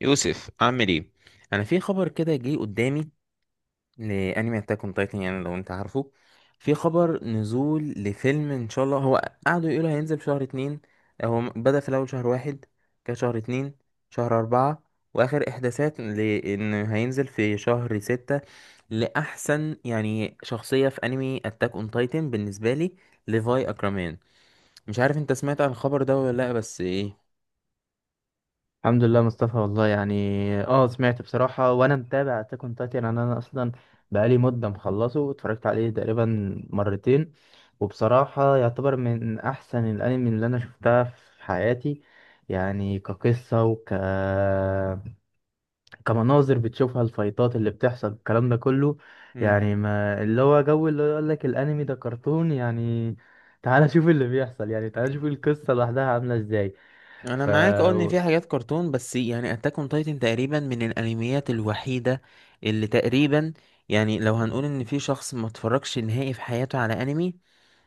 يوسف، عامل ايه؟ انا في خبر كده جه قدامي لانمي اتاك اون تايتن، يعني لو انت عارفه. في خبر نزول لفيلم ان شاء الله. هو قعدوا يقولوا هينزل في شهر اتنين. هو بدأ في الاول شهر واحد، كان شهر اتنين، شهر اربعة، واخر احداثات لان هينزل في شهر ستة. لاحسن يعني شخصية في انمي اتاك اون تايتن بالنسبة لي ليفاي اكرمان. مش عارف انت سمعت عن الخبر ده ولا لا، بس ايه. الحمد لله، مصطفى، والله يعني، اه سمعت بصراحة، وانا متابع اتاك اون تايتن. انا اصلا بقالي مدة مخلصه، اتفرجت عليه تقريبا مرتين. وبصراحة يعتبر من احسن الانمي اللي انا شفتها في حياتي، يعني كقصة كمناظر بتشوفها، الفايتات اللي بتحصل، الكلام ده كله. يعني ما اللي هو جو اللي يقول لك الانمي ده كرتون، يعني تعالى شوف اللي بيحصل، يعني تعالى شوف القصة لوحدها عاملة ازاي. انا ف معاك، اه، ان في حاجات كرتون، بس يعني اتاك اون تايتن تقريبا من الانميات الوحيده اللي تقريبا، يعني لو هنقول ان في شخص ما اتفرجش نهائي في حياته على انمي،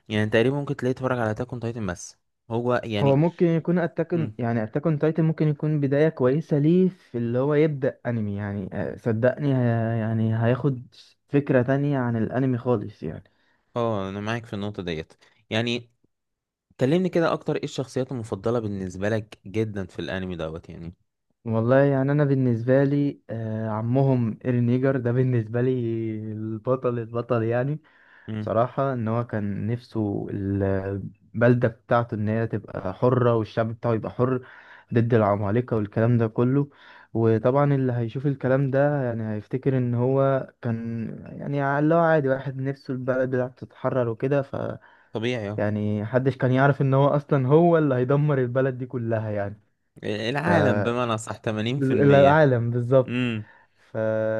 يعني تقريبا ممكن تلاقيه اتفرج على اتاك اون تايتن بس. هو هو يعني ممكن يكون اتاكن، مم. يعني اتاكن تايتن ممكن يكون بداية كويسة ليه في اللي هو يبدأ انمي، يعني صدقني، يعني هياخد فكرة تانية عن الانمي خالص يعني. اه، انا معاك في النقطه ديت، يعني كلمني كده اكتر، ايه الشخصيات المفضله بالنسبه لك جدا في الانمي دوت؟ يعني والله يعني، انا بالنسبة لي عمهم ايرين ييجر ده بالنسبة لي البطل البطل يعني. مم. بصراحة إن هو كان نفسه البلدة بتاعته إن هي تبقى حرة، والشعب بتاعه يبقى حر ضد العمالقة والكلام ده كله. وطبعا اللي هيشوف الكلام ده يعني هيفتكر إن هو كان، يعني اللي هو عادي واحد نفسه البلد بتاعته تتحرر وكده. ف طبيعي، اه. يعني محدش كان يعرف إن هو أصلا هو اللي هيدمر البلد دي كلها يعني. العالم بمعنى صح 80%. العالم بالظبط. امم ف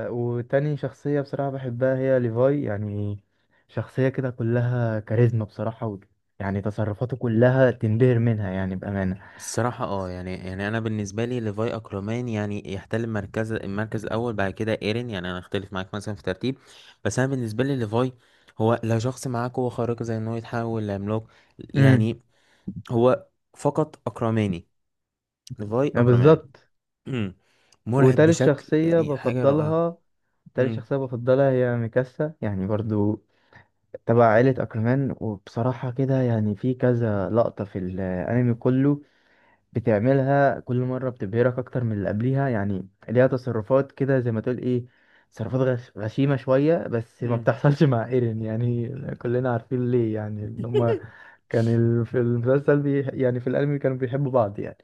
وتاني شخصية بصراحة بحبها هي ليفاي يعني، شخصية كده كلها كاريزما بصراحة. و... يعني تصرفاته كلها تنبهر منها، يعني بأمانة. الصراحة، اه يعني، أنا بالنسبة لي ليفاي أكرومان، يعني يحتل المركز الأول بعد كده إيرين. يعني أنا أختلف معاك مثلا في ترتيب، بس أنا بالنسبة لي ليفاي، هو لا شخص معاه قوة خارقة زي إن هو يتحول لعملاق، امم. يعني هو فقط أكرماني، ليفاي أكرمان. بالظبط. مم. مرعب، وتالت بشكل شخصية يعني حاجة رائعة. بفضلها، تالت مم. شخصية بفضلها هي ميكاسا، يعني برضو تبع عائلة أكرمان. وبصراحة كده يعني في كذا لقطة في الأنمي كله بتعملها كل مرة بتبهرك أكتر من اللي قبليها. يعني ليها تصرفات كده، زي ما تقول إيه، تصرفات غشيمة شوية، بس ما مم. بتحصلش مع إيرين يعني. كلنا عارفين ليه، يعني إن هما كان في المسلسل يعني في الأنمي كانوا بيحبوا بعض يعني.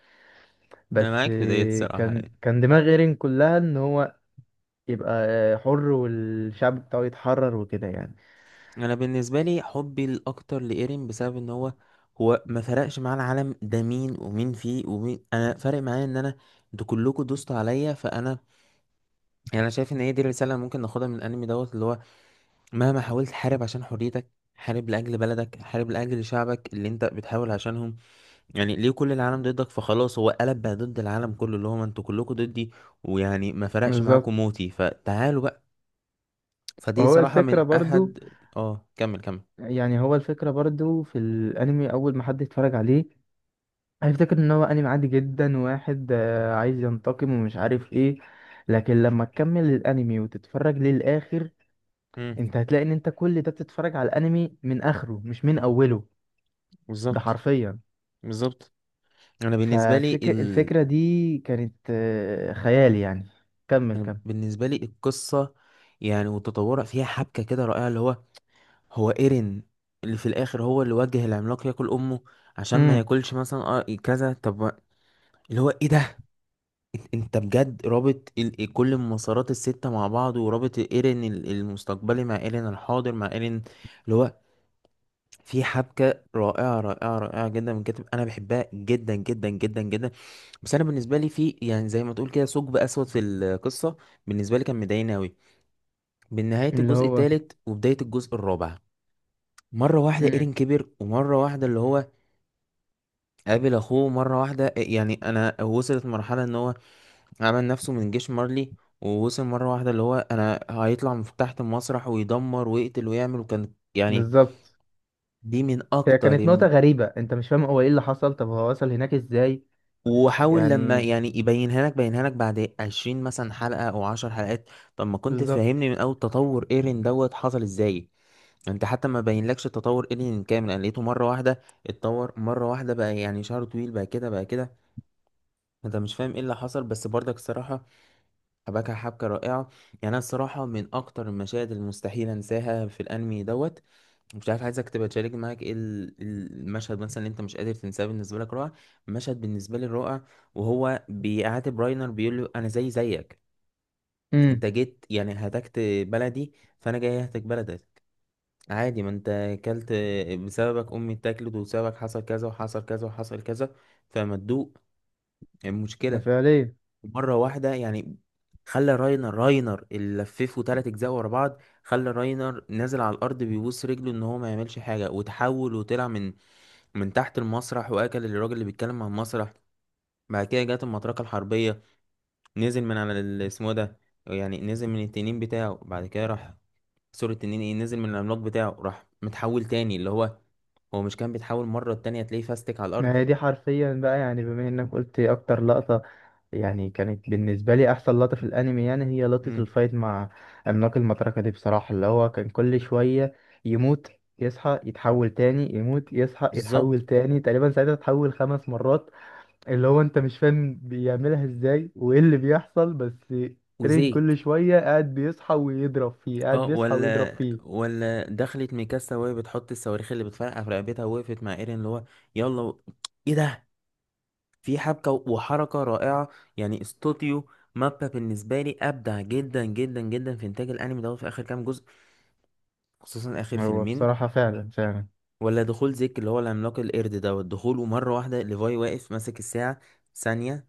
أنا بس معاك في ديت، الصراحة كان يعني. كان دماغ إيرين كلها إن هو يبقى حر والشعب بتاعه يتحرر وكده يعني. انا بالنسبه لي حبي الاكتر لايرين بسبب ان هو ما فرقش معاه العالم ده، مين ومين فيه ومين، انا فارق معايا ان انا انتوا كلكم دوستوا عليا، فانا يعني، انا شايف ان هي دي الرساله اللي ممكن ناخدها من الانمي دوت، اللي هو مهما حاولت حارب عشان حريتك، حارب لاجل بلدك، حارب لاجل شعبك اللي انت بتحاول عشانهم، يعني ليه كل العالم ضدك؟ فخلاص هو قلب بقى ضد العالم كله، اللي هو ما انتوا كلكم ضدي، ويعني ما فرقش معاكم بالظبط. موتي فتعالوا بقى. فدي وهو صراحه الفكرة من برضو. احد. اه، كمل كمل. يعني هو الفكرة برضو في الأنمي أول ما حد يتفرج عليه هيفتكر ان هو انمي عادي جدا، واحد عايز ينتقم ومش عارف ايه. لكن لما تكمل الانمي وتتفرج للاخر امم انت هتلاقي ان انت كل ده بتتفرج على الانمي من اخره مش من اوله. ده بالظبط، حرفيا. بالظبط. انا بالنسبه لي ففكر الفكرة دي كانت خيال يعني. كمل أنا كمل. بالنسبه لي القصه، يعني وتطورها فيها حبكه كده رائعه، اللي هو هو ايرين اللي في الاخر هو اللي وجه العملاق ياكل امه عشان ما امم. ياكلش مثلا، كذا. طب ما- اللي هو ايه ده، انت بجد رابط كل المسارات السته مع بعض، ورابط ايرين المستقبلي مع ايرين الحاضر مع ايرين، اللي هو في حبكه رائعه رائعه رائعه جدا، من كتب انا بحبها جدا جدا جدا جدا. بس انا بالنسبه لي في، يعني زي ما تقول كده، ثقب اسود في القصه بالنسبه لي كان مضايقني قوي من نهايه اللي الجزء هو. الثالث وبدايه الجزء الرابع. مره واحده امم. ايرين كبر، ومره واحده اللي هو قابل اخوه مره واحده، يعني انا وصلت مرحله ان هو عمل نفسه من جيش مارلي، ووصل مره واحده اللي هو انا هيطلع من تحت المسرح ويدمر ويقتل ويعمل، وكان يعني بالظبط. دي من هي اكتر. كانت نقطة غريبة، انت مش فاهم هو ايه اللي حصل، طب هو وصل هناك ازاي وحاول لما يعني. يعني يبينها لك بينها لك بعد 20 مثلا حلقة او 10 حلقات. طب ما كنت بالظبط. تفهمني من اول تطور ايرين دوت حصل ازاي؟ انت حتى ما بينلكش تطور ايرين كامل، انا لقيته مرة واحدة اتطور مرة واحدة بقى، يعني شعره طويل بقى كده بقى كده. انت مش فاهم ايه اللي حصل، بس برضك الصراحة حبكها حبكة رائعة، يعني انا الصراحة من اكتر المشاهد المستحيل انساها في الانمي دوت. مش عارف، عايزك تبقى تشارك معاك ايه المشهد مثلا اللي انت مش قادر تنساه، بالنسبه لك رائع. مشهد بالنسبه لي رائع، وهو بيعاتب راينر، بيقول له انا زي زيك. انت امم. جيت يعني هتكت بلدي، فانا جاي اهتك بلدك. عادي، ما انت اكلت، بسببك امي اتاكلت، وبسببك حصل كذا وحصل كذا وحصل كذا، فما تدوق المشكله فعليا. مره واحده، يعني خلى راينر اللي لففه تلات اجزاء ورا بعض، خلى راينر نازل على الارض بيبوس رجله ان هو ما يعملش حاجه، وتحول وطلع من تحت المسرح واكل الراجل اللي بيتكلم عن المسرح. بعد كده جت المطرقه الحربيه، نزل من على اسمه ده، يعني نزل من التنين بتاعه. بعد كده راح، سوري التنين ايه، نزل من العملاق بتاعه، راح متحول تاني، اللي هو هو مش كان بيتحول مره التانية تلاقيه فاستك على الارض. ما هي دي حرفيا بقى، يعني بما انك قلت اكتر لقطة، يعني كانت بالنسبة لي احسن لقطة في الانمي، يعني هي لقطة امم الفايت مع عملاق المطرقة دي بصراحة. اللي هو كان كل شوية يموت، يصحى، يتحول تاني، يموت، يصحى، يتحول بالظبط. تاني، تقريبا ساعتها اتحول 5 مرات. اللي هو انت مش فاهم بيعملها ازاي وايه اللي بيحصل، بس رين وزيك، كل شوية قاعد بيصحى ويضرب فيه، قاعد اه، بيصحى ويضرب فيه. ولا دخلت ميكاسا وهي بتحط الصواريخ اللي بتفرقع في رقبتها، ووقفت مع ايرين، اللي هو يلا ايه ده، في حبكة وحركة رائعة. يعني استوديو مابا بالنسبة لي أبدع جدا جدا جدا في إنتاج الأنمي دوت في آخر كام جزء، خصوصا آخر هو فيلمين. بصراحة فعلا فعلا. ولا دخول زيك اللي هو العملاق القرد دوت، دخوله مرة واحدة، ليفاي واقف ماسك الساعة، ثانية،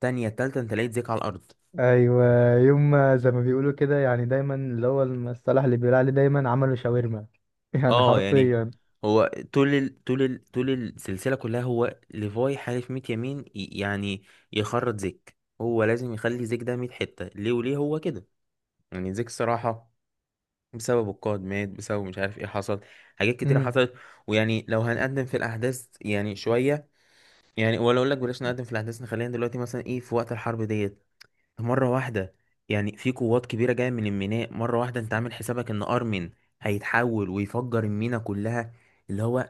تانية، تالتة، أنت لقيت زيك على الأرض. ايوه. يوم ما- زي ما بيقولوا كده، يعني دايما اللي هو المصطلح اللي بيقول عليه دايما عملوا شاورما يعني أه يعني، حرفيا. هو طول السلسلة كلها، هو ليفاي حالف 100 يمين، يعني يخرط زيك، هو لازم يخلي زيك ده 100 حتة ليه، وليه هو كده؟ يعني زيك، الصراحة بسبب القائد مات، بسبب مش عارف ايه حصل، حاجات كتيرة امم. حصلت. ويعني لو هنقدم في الأحداث يعني شوية، يعني ولا أقول لك بلاش نقدم في الأحداث، نخلينا دلوقتي مثلا ايه في وقت الحرب ديت. مرة واحدة، يعني في قوات كبيرة جاية من الميناء مرة واحدة، أنت عامل حسابك إن أرمن هيتحول ويفجر المينا كلها، اللي هو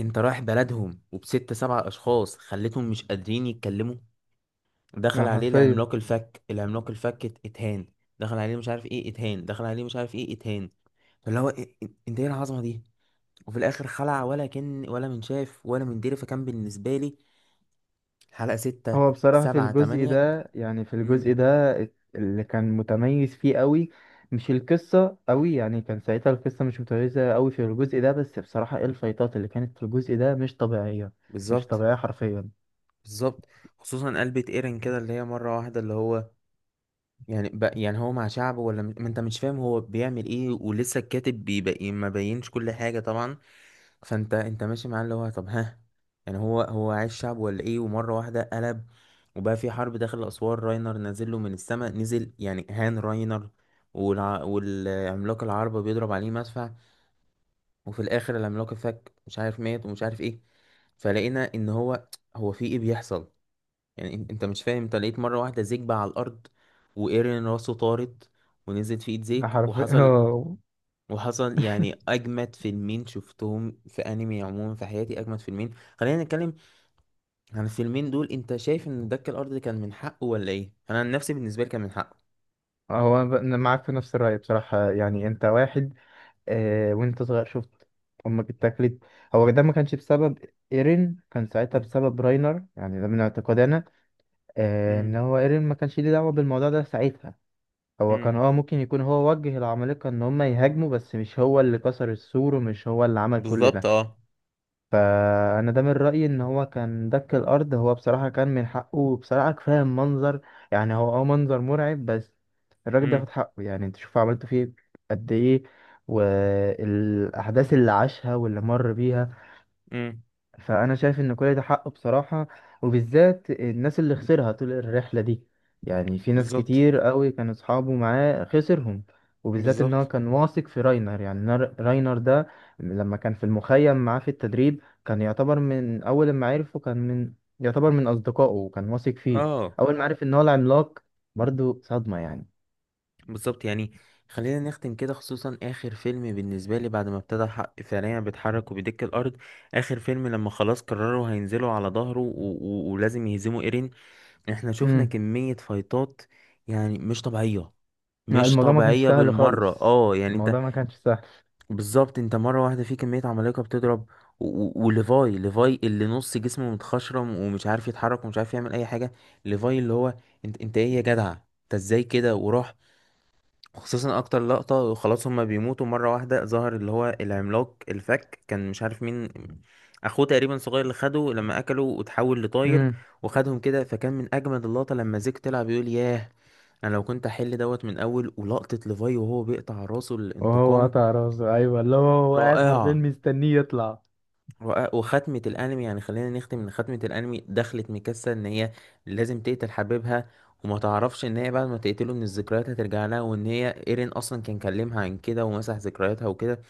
أنت رايح بلدهم وبست سبع أشخاص خليتهم مش قادرين يتكلموا. دخل يعني عليه حرفيا. العملاق الفك، العملاق الفك، اتهان، دخل عليه مش عارف ايه اتهان، دخل عليه مش عارف ايه اتهان، اللي هو إيه، انت ايه العظمه دي؟ وفي الاخر خلع، ولا كان ولا من شاف ولا من دري، فكان بالنسبه لي حلقه ستة، هو بصراحة في سبعة، الجزء تمانية. ده، يعني في امم الجزء ده اللي كان متميز فيه قوي، مش القصة قوي. يعني كان ساعتها القصة مش متميزة قوي في الجزء ده، بس بصراحة ايه الفايتات اللي كانت في الجزء ده مش طبيعية. مش بالظبط. طبيعية حرفيا. بالظبط، خصوصا قلبة ايرن كده، اللي هي مره واحده اللي هو يعني يعني هو مع شعبه، ولا ما انت مش فاهم هو بيعمل ايه، ولسه الكاتب بيبقى ايه، ما بينش كل حاجة طبعا. فانت ماشي معاه اللي هو طب ها، يعني هو عايش شعب ولا ايه؟ ومرة واحدة قلب، وبقى في حرب داخل أسوار، راينر نازل له من السماء، نزل يعني هان راينر. والعملاق العربة بيضرب عليه مدفع، وفي الآخر العملاق الفك مش عارف مات ومش عارف ايه. فلقينا ان هو هو في ايه بيحصل، يعني انت مش فاهم، انت لقيت مرة واحدة زيك بقى على الأرض، وإيرين راسه طارت ونزلت في ايد زيك، حرفيا وحصل هو وحصل، يعني أجمد فيلمين شفتهم في أنمي عموما في حياتي، أجمد فيلمين. خلينا نتكلم عن الفيلمين دول. انت شايف ان دك الأرض كان من حقه ولا ايه؟ أنا عن نفسي بالنسبة لي كان من حقه. هو أنا ب- أنا معاك في نفس الرأي بصراحة يعني. انت واحد وانت صغير شفت امك اتاكلت. هو ده ما كانش بسبب ايرين، كان ساعتها مم. بسبب راينر، يعني ده من اعتقادنا. ان مم. هو ايرين ما كانش ليه دعوه بالموضوع ده ساعتها. هو كان مم. ممكن يكون هو وجه العمالقه ان هم يهاجموا، بس مش هو اللي كسر السور، ومش هو اللي عمل كل بالظبط، ده. اه. فانا ده من رايي ان هو كان دك الارض. هو بصراحه كان من حقه بصراحه، كفايه المنظر. يعني هو منظر مرعب، بس الراجل مم. بياخد حقه. يعني انت شوف عملته فيه قد ايه، والاحداث اللي عاشها واللي مر بيها. مم. فانا شايف ان كل ده حقه بصراحه، وبالذات الناس اللي خسرها طول الرحله دي. يعني في ناس بالظبط. كتير قوي كانوا اصحابه معاه خسرهم. وبالذات ان هو بالظبط، كان واثق في راينر، يعني راينر ده لما كان في المخيم معاه في التدريب كان يعتبر من اول ما عرفه، كان من يعتبر من اصدقائه وكان واثق فيه. اه. اول ما عرف ان هو العملاق، برضو صدمه يعني. بالظبط. يعني خلينا نختم كده، خصوصا اخر فيلم بالنسبه لي بعد ما ابتدى الحق فعليا بيتحرك وبيدك الارض. اخر فيلم لما خلاص قرروا هينزلوا على ظهره ولازم يهزموا ايرين. احنا شفنا امم. كميه فايتات يعني مش طبيعيه، مش الموضوع ما كانش طبيعيه سهل بالمره، خالص، اه يعني انت، الموضوع ما كانش سهل. بالظبط. انت مره واحده في كميه عمالقه بتضرب، ليفاي اللي نص جسمه متخشرم ومش عارف يتحرك ومش عارف يعمل اي حاجه. ليفاي اللي هو انت ايه يا جدع، انت ازاي كده؟ وراح، خصوصا اكتر لقطة، وخلاص هما بيموتوا مرة واحدة ظهر اللي هو العملاق الفك، كان مش عارف مين، اخوه تقريبا صغير، اللي خده لما اكله وتحول لطاير وخدهم كده. فكان من اجمد اللقطة لما زيك طلع بيقول ياه، انا لو كنت احل دوت من اول، ولقطة ليفاي وهو بيقطع راسه، وهو الانتقام، قطع راسه، ايوه، اللي هو قاعد حرفيا رائعة. مستنيه يطلع. وختمة الأنمي، يعني خلينا نختم إن ختمة الأنمي دخلت ميكاسا إن هي لازم تقتل حبيبها، وما تعرفش إن هي بعد ما تقتله إن الذكريات هترجع لها، وإن هي إيرين أصلا كان كلمها عن كده ومسح ذكرياتها وكده،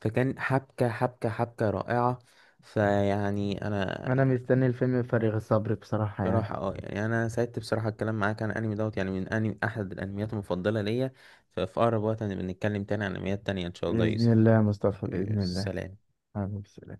فكان حبكة حبكة حبكة رائعة. فيعني أنا انا مستني الفيلم بفارغ الصبر بصراحة راح، يعني. اه يعني، أنا سعدت بصراحة الكلام معاك عن الأنمي دوت. يعني من أنمي، أحد الأنميات المفضلة ليا. ففي أقرب وقت هنبقى نتكلم تاني عن أنميات تانية إن شاء الله يا بإذن يوسف. الله يا مصطفى، بإذن الله. سلام. حبيبي، سلام.